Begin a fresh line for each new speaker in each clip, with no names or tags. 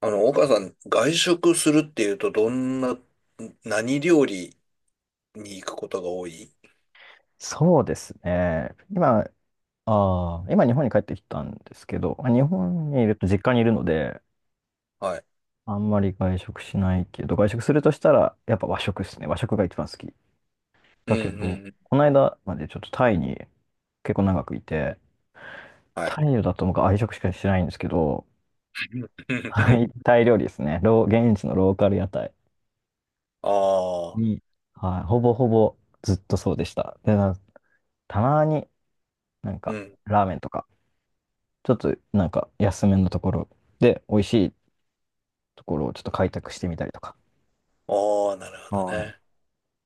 岡さん、外食するっていうと、どんな、何料理に行くことが多い。
そうですね。今、あー今日本に帰ってきたんですけど、まあ日本にいると実家にいるので、
はい。
あんまり外食しないけど、外食するとしたら、やっぱ和食ですね。和食が一番好き。
うん
だけ
う
ど、
んうん。
この間までちょっとタイに結構長くいて、
はい。
タイだと僕は愛食しかしてないんですけど、は い、タイ料理ですね。現地のローカル屋台
ああ、
に、はい、ほぼほぼずっとそうでした。で、たまになん
う
か
ん。
ラーメンとか、ちょっとなんか安めのところ、で、美味しいっところをちょっと開拓してみたりとか。
ああ、なるほど
はい。
ね。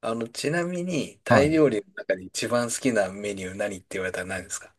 ちなみに、
は
タイ
い。
料理の中で一番好きなメニュー何って言われたら何ですか？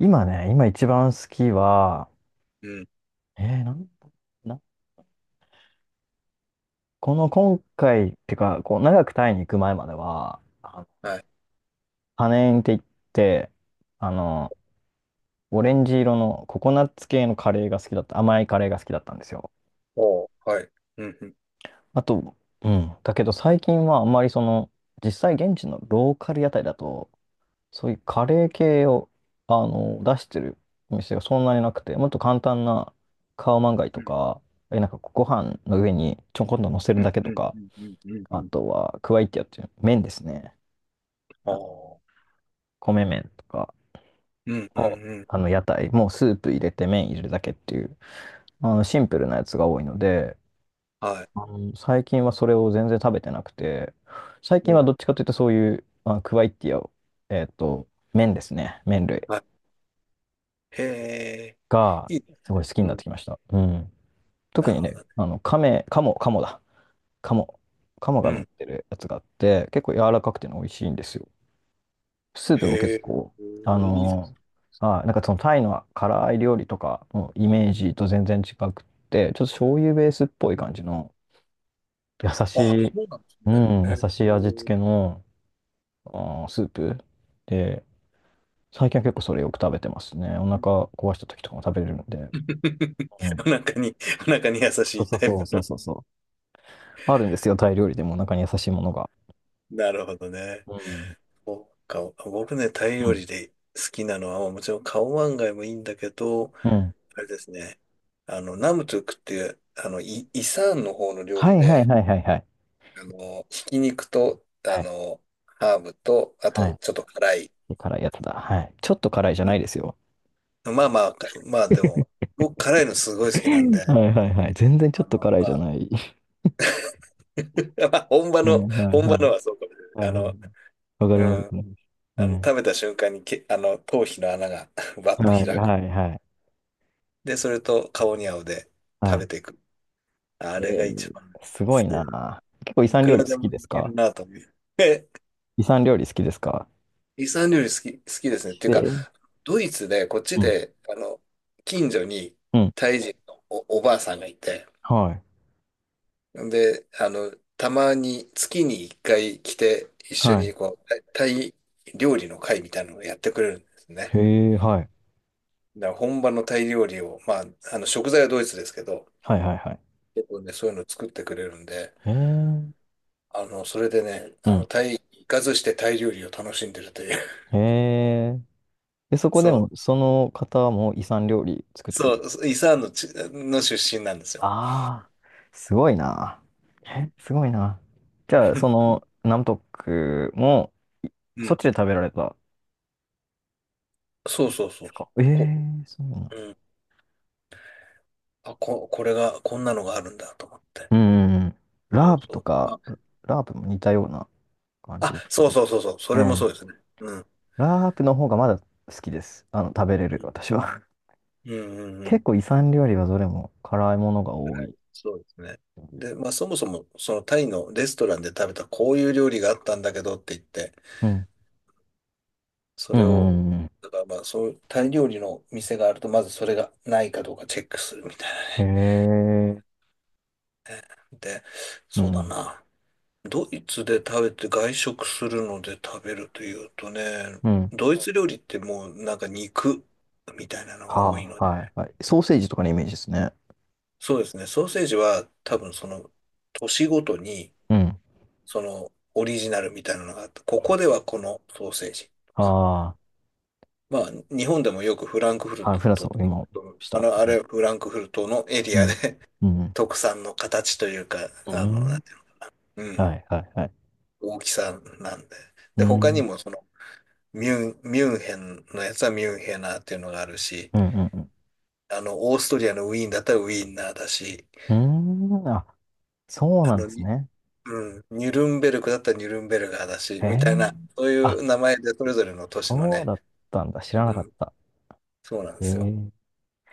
今ね、今一番好きは、
うん。
えー、なん、な、この今回、ってか、こう、長くタイに行く前までは、あの
はい。
パネーンって言って、あの、オレンジ色のココナッツ系のカレーが好きだった、甘いカレーが好きだったんですよ。
おー、はい。うんうん。
あと、うん、だけど最近はあんまり実際現地のローカル屋台だと、そういうカレー系を、出してるお店がそんなになくて、もっと簡単なカオマンガイ
う
とか、なんかご飯の上にちょこんと乗せ
ん
るだけと
うん
か、
うんうんうんうんう
あ
ん。
とはクワイティアっていう麺ですね。
あ
あ、
あ、
米麺とか
うんう
の、
んうん。
あの屋台、もうスープ入れて麺入れるだけっていう、あのシンプルなやつが多いので、
はい。
あの最近はそれを全然食べてなくて、最
う
近は
ん。
どっちかというとそういう、あ、クワイティアを、えっと、麺ですね。麺類。
はい。へえ、
が、
いいです
すご
ね。
い好きに
う
なって
ん。
きました。うん。特
なる
に
ほ
ね、
どね。
あの、亀、鴨、鴨だ。鴨。鴨
う
が乗っ
ん。
てるやつがあって、結構柔らかくてね美味しいんですよ。スープも
へ
結
え、
構、あ
いいですね。
のなんかそのタイの辛い料理とかのイメー
うん。
ジと全然違くって、ちょっと醤油ベースっぽい感じの、優し
あ、
い、
そうなんです
う
ね。
ん、
へ
優
え、
しい味付
う
けの、スープで、最近は結構それよく食べてますね。お
ん。
腹壊した時とかも食べれるので。うん。
お腹に、お腹に優し
そう
い
そう
タイ
そう
プ
そう
の。
そうそう。あるんですよ、タイ料理でもお腹に優しいものが。
なるほどね。
うん。
そうか、僕ね、タイ
う
料
ん。
理で好きなのは、もちろんカオマンガイもいいんだけど、
うん。
あれですね、ナムトゥクっていう、あの、イサンの方の料
は
理
いはい
で、
はいはいはい。
ひき肉と、
はい。
ハーブと、あ
は
と、
い。
ちょっと辛い。
辛いやつだ。はい。ちょっと辛いじゃないですよ。
まあでも、僕辛いのすごい好きなんで、
はいはいはい。全然ちょ
あ
っと
の、
辛い
ま
じゃ
あ、
ない。
まあ本 場
はい
の、
はい
本
は
場の
い。
はそうかもしれ
は
ない。
いはい。わかります。
うん。
うん。
食べた瞬間にけ、あの、頭皮の穴が バッと
はい
開く。
はいはい。
で、それと顔に合うで食べて
は
いく。あ
い。
れ
え
が一
ー、
番好
すごい
きだね。
な。結構イス
いく
料
ら
理好
でも
き
い
です
ける
か？
なと思う。え、
イス料理好きですか？
イスラム料理好き、好きですね。っていうか、
で、
ドイツで、こっち
うん。
で、近所に
うん。
タイ人のおばあさんがいて、
はい。
で、たまに月に一回来て、一緒
はい。
にこう、タイ料理の会みたいなのをやってくれるんですね。
へえ、はい。
だから本場のタイ料理を、まあ、あの、食材はドイツですけど、
はいはいはい。
結構ね、そういうのを作ってくれるんで、
へえ。
それでね、
う
あの、
ん。
タイ、行かずしてタイ料理を楽しんでるという。
へえ。で、そこで
そう、
も、その方も遺産料理作ってく
そ
れ
う、
る？
イサーンの出身なんですよ。
ああ、すごいな。
う
え、
ん。
すごいな。じゃあ、そ の、ナムトックも、
う
そっ
ん。
ちで食べられたんで
そうそうそ
す
う。
か？ええ
こ、
ー、そうなの？
うん。あ、これが、こんなのがあるんだと思って。
うんうんうん。
そ
ラ
う
ープ
そ
と
う。ま
か、
あ、
ラープも似たような感じ
あ、
ですけ
そう
ど。
そうそうそう。そ
え
れもそうで
え、
すね。うん。
ラープの方がまだ好きです。食べれる、
うん、
私は。
うん、う んう
結
ん。
構遺産料理はどれも辛いものが多い。
そうですね。で、まあそもそも、そのタイのレストランで食べたこういう料理があったんだけどって言って、
うん。
そ
うん
れ
う
を、
んうんうん。
だからまあそういうタイ料理の店があると、まずそれがないかどうかチェックするみたいなね。
へえ。
で、
う
そうだ
ん。
な。ドイツで食べて外食するので食べるというとね、
うん
ドイツ料理ってもうなんか肉みたいなのが多い
は
の。
あ、はい、はい。ソーセージとかのイメージですね。
そうですね。ソーセージは多分その年ごとに
うん。
そのオリジナルみたいなのがあって、ここではこのソーセージとか。
あ
まあ日本でもよくフランクフル
あ、はい、フランス
トっ
を
て
今、
言うと、
し
あ
た。
の、あれはフランクフルトのエリ
う
ア
ん。
で
う ん。
特産の形というか、
う
な
ん。
んていうの、
はい、はい、はい。
うん、大きさなんで。
う
で、他
ん。う
に
ん、
もそのミュンヘンのやつはミュンヘナーっていうのがあるし、
うん、
あの、オーストリアのウィーンだったらウィーンナーだし、
うん。うーん、あ、そう
あ
なん
の、
ですね。
うん、ニュルンベルクだったらニュルンベルガーだし、
へ
みたいな、
え。
そうい
あ、
う名前でそれぞれの都市の
そう
ね、
だったんだ。知らな
う
かっ
ん、
た。
そうなんで
へえ。
す
な
よ。
ん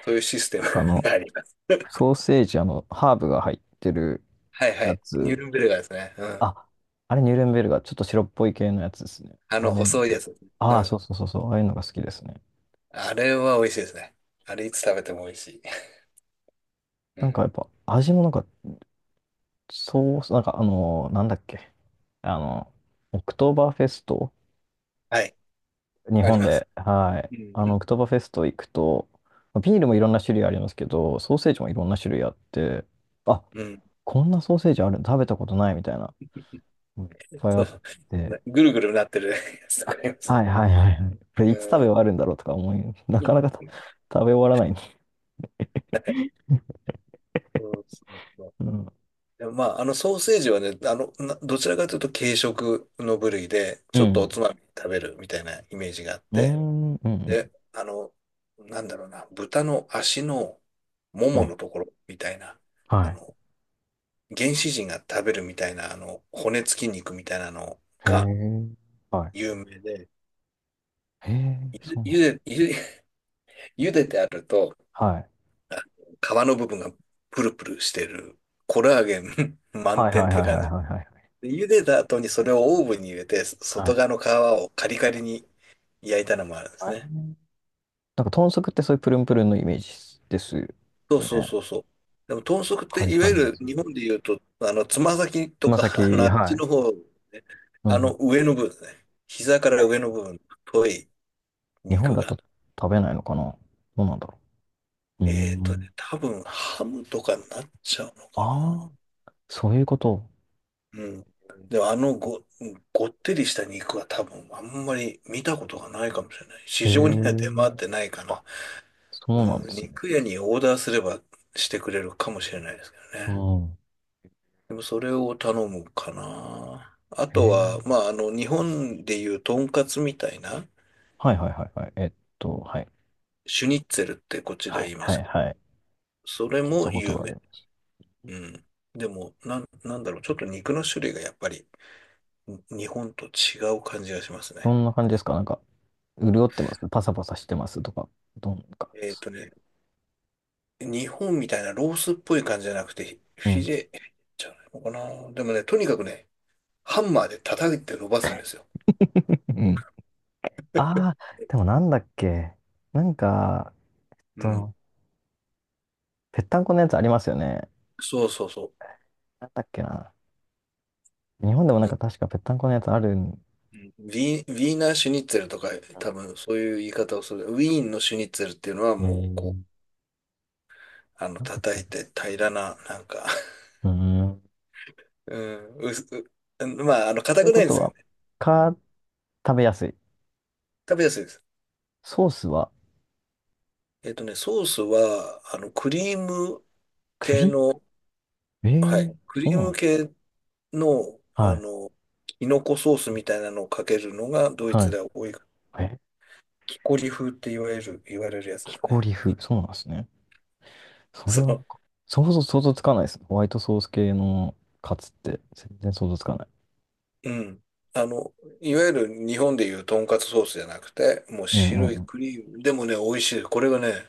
そういうシステム
か
があります。
ソーセージ、ハーブが入ってる
はいは
や
い。ニュ
つ。
ルンベルガーですね。うん。
あ、あれ、ニュルンベルガー、ちょっと白っぽい系のやつですね。
あ
ああ
の、
いう
細い
の
や
が
つ。う
ああそ
ん。
うそうそうそう。ああいうのが好きですね。
あれは美味しいですね。あれいつ食べても美味しい。う
なんか
ん。
やっぱ、味もなんかそう、なんかあの、なんだっけ。あの、オクトーバーフェスト、
はい。
日
あり
本
ます。
で、はい。
う
オ
ん。
クトーバーフェスト行くと、ビールもいろんな種類ありますけど、ソーセージもいろんな種類あって、あ、
うん。
こんなソーセージある、食べたことないみたいな、うん、いっぱいあ
そ
っ
う。
て、
なぐるぐるなってるやつと
あ、
かありますね。
はいはいはいはい。これ
う
いつ食べ終
ん。
わるんだろうとか思い、なかなか食べ終わらない。
はい。そうそうそう。
うん。
でもまあ、あのソーセージはね、あの、どちらかというと軽食の部類で、
う
ちょっとお
ん。
つまみ食べるみたいなイメージがあっ
うー
て、
ん。うん。うん。
で、あの、なんだろうな、豚の足のも
う
も
ん
のところみたいな、
は
あ
い。
の、原始人が食べるみたいな、骨付き肉みたいなの
へ
が
え。はい。
有名で、
へえ、そ
ゆ、
うなん
ゆ
だ。
で、ゆゆでてあると、
はい。
皮の部分がプルプルしてる、コラーゲン 満
はい
点っ
はい
て
はいはいは
感じ。
いはい。
で茹でた後にそれをオーブンに入れて、
は
外
い。
側の皮をカリカリに焼いたのもあるんです
はい。
ね。
なんか豚足ってそういうプルンプルンのイメージですよね。
そうそうそうそう。でも豚足って
カリ
いわ
カ
ゆ
リに
る
する
日
と。
本で言うと、あの、つま先
つ
と
ま
か、あの、あ
先、
っ
は
ち
い。
の方、ね、
う
あ
ん。
の上の部分ですね。膝から上の部分、太い
日本
肉
だと
が。
食べないのかな。どうなんだろう。うー
えっとね、
ん。
多分ハムとかになっちゃうのかな。
ああ、そういうこと。
うん。でも、ごってりした肉は多分あんまり見たことがないかもしれない。市
へ
場には出
え。
回ってないか
あ、
な。
そうなん
う
で
ん、
すね。
肉屋にオーダーすればしてくれるかもしれないですけど
う
ね。
ん。
でもそれを頼むかな。あ
へ
とは、
え。
まあ、あの、日本でいうとんかつみたいな、
はいはいはいはい。はい。
シュニッツェルってこっちでは
はい
言いま
は
す
い
け
は
ど、
い。
それ
聞いた
も
こと
有
があり
名。
ます。
うん。でも、なんだろう、ちょっと肉の種類がやっぱり日本と違う感じがします
ど
ね。
んな感じですか？なんか、潤ってますパサパサしてますとか。どんか。
えっとね、日本みたいなロースっぽい感じじゃなくて、
う
フィ
ん。
レじゃないのかな。でもね、とにかくね、ハンマーで叩いて伸ばすんですよ。
うんああ、でもなんだっけ。なんか、
うん、
と、ぺったんこのやつありますよね。
そうそうそ
なんだっけな。日本でもな
う。
ん
う
か
ん
確かぺったんこのやつあるん。
うんウィーン、ウィーナーシュニッツェルとか、多分そういう言い方をする。ウィーンのシュニッツェルっていうのは
え
もう、こ
ー、
う、あの、
なんだっ
叩
け
い
な。
て平らな、なんか
うーん。
うん、まあ、あの、
と
硬
いう
くな
こ
いんで
と
すよ
は、
ね。うん、
か、食べやすい。
食べやすいです。
ソースは？
えっとね、ソースは、あの、クリーム系
栗、
の、
え
はい、
ー、
クリ
そう
ー
な
ム
の？
系の、あ
はい。
の、キノコソースみたいなのをかけるのが、ドイ
は
ツ
い。
では多い。
え、
キコリ風って言われるやつで
木
す
こ
ね。
り風。そうなんですね。それ
そ
はなん
う。
か、想像つかないです。ホワイトソース系のカツって全然想像つかない。
うん。あの、いわゆる日本でいうとんかつソースじゃなくて、もう
うんうん
白い
うん。
クリーム。でもね、美味しい。これがね、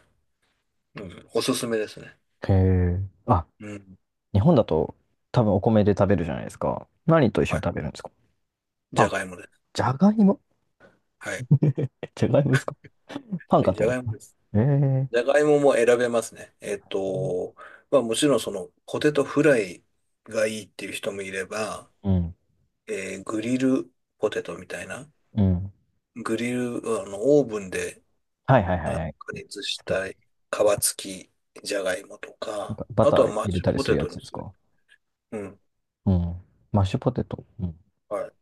うん、おすすめですね。
へえ。あ、
うん。
日本だと多分お米で食べるじゃないですか。何と一
は
緒に食
い。
べるんですか？パ
じゃ
ン。
がいもです。
じゃがいも。
はい。
じゃがいもですか？パン
は
か
い、じ
と
ゃ
思
が
っ
いも
た。
です。
え
じ
ー
ゃがいもも選べますね。えっと、まあもちろんそのポテトフライがいいっていう人もいれば、
うん。
えーグリルポテトみたいな。
うん。
グリル、あの、オーブンで
はいはい
あ
はい
の
はい。
加
好
熱し
きな。
たい皮付きじゃがいもと
なん
か、
かバ
あ
タ
と
ー
はマッ
入れ
シュ
たり
ポ
する
テ
や
トに
つです
する。
か？うん。マッシュポテト。うん。
はい。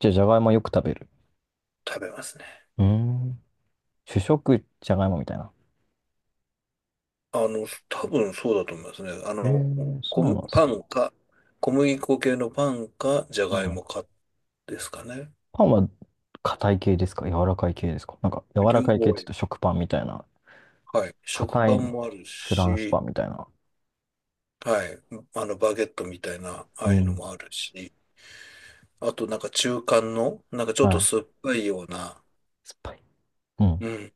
じゃあ、じゃがいもよく食べる？
食べますね。
うーん。主食、じゃがいもみたいな。
あの、多分そうだと思いますね。あ
え
の、
ー、そ
小
うな
麦
んです。
パンか、小麦粉系のパンか、じゃがいも
う
かですかね。
パンは硬い系ですか？柔らかい系ですか？なんか、柔ら
両
かい系っ
方あ
て言う
り、
と食パンみたいな。
はい。食
硬
パン
い
もある
フランス
し、
パンみたいな。
はい。あの、バゲットみたいな、あ
う
あいうの
ん。
もあるし、あとなんか中間の、なんかちょっ
は
と
い。
酸っぱいような、
酸っぱい。うん。
うん。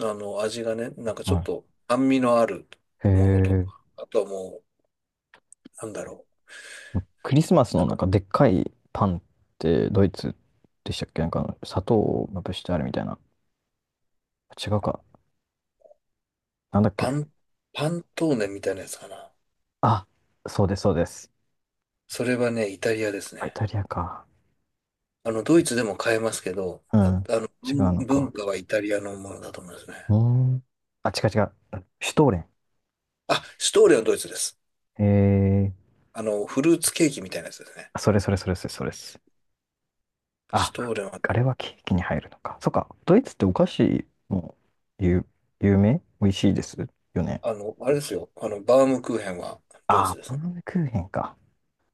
あの、味がね、なんかちょっ
は
と酸味のある
い。へ
ものと
え。
か、あとはもう、なんだろ
クリスマス
う。な
の
ん
な
か
んかでっかいパンってドイツでしたっけ？なんか砂糖をまぶしてあるみたいな。違うか。なんだっ
パ
け。
ン、パントーネみたいなやつかな。
あ、そうです、そうです。
それはね、イタリアです
あ、イ
ね。
タリアか。
あの、ドイツでも買えますけど、
う
あ、
ん。
あの、
違うの
文
か。
化はイタリアのものだと思いますね。
うーん。あ、違う違う。シュトーレン。
あ、シュトーレンはドイツです。
え
あの、フルーツケーキみたいなやつですね。
ー、それそれそれそれそれです。あ、
シュトーレンは、
あれはケーキに入るのか。そっか。ドイツってお菓子も有、有名、美味しいですよね。
あの、あれですよ。あの、バウムクーヘンはドイ
あ
ツ
ー、
です
バ
ね。
ナナクーヘンか。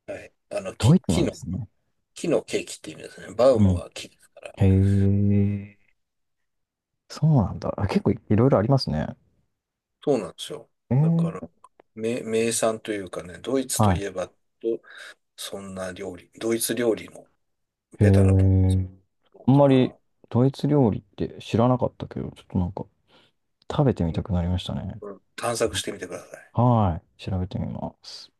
はい。あの、
ドイツな
木
んで
の、
すね。
木のケーキって意味ですね。バウ
う
ム
ん。
は木。
へえ、そうなんだ。あ、結構いろいろありますね。
そうなんですよ。
え
だから、
え、
名産というかね、ドイツと
は
い
い。
えば、どそんな料理、ドイツ料理の
へ
ベタなと
え、
ころ
あん
か
まり
な。
ドイツ料理って知らなかったけど、ちょっとなんか食べてみ
うん、
たくなりましたね。
これ探索してみてください。
はい。調べてみます。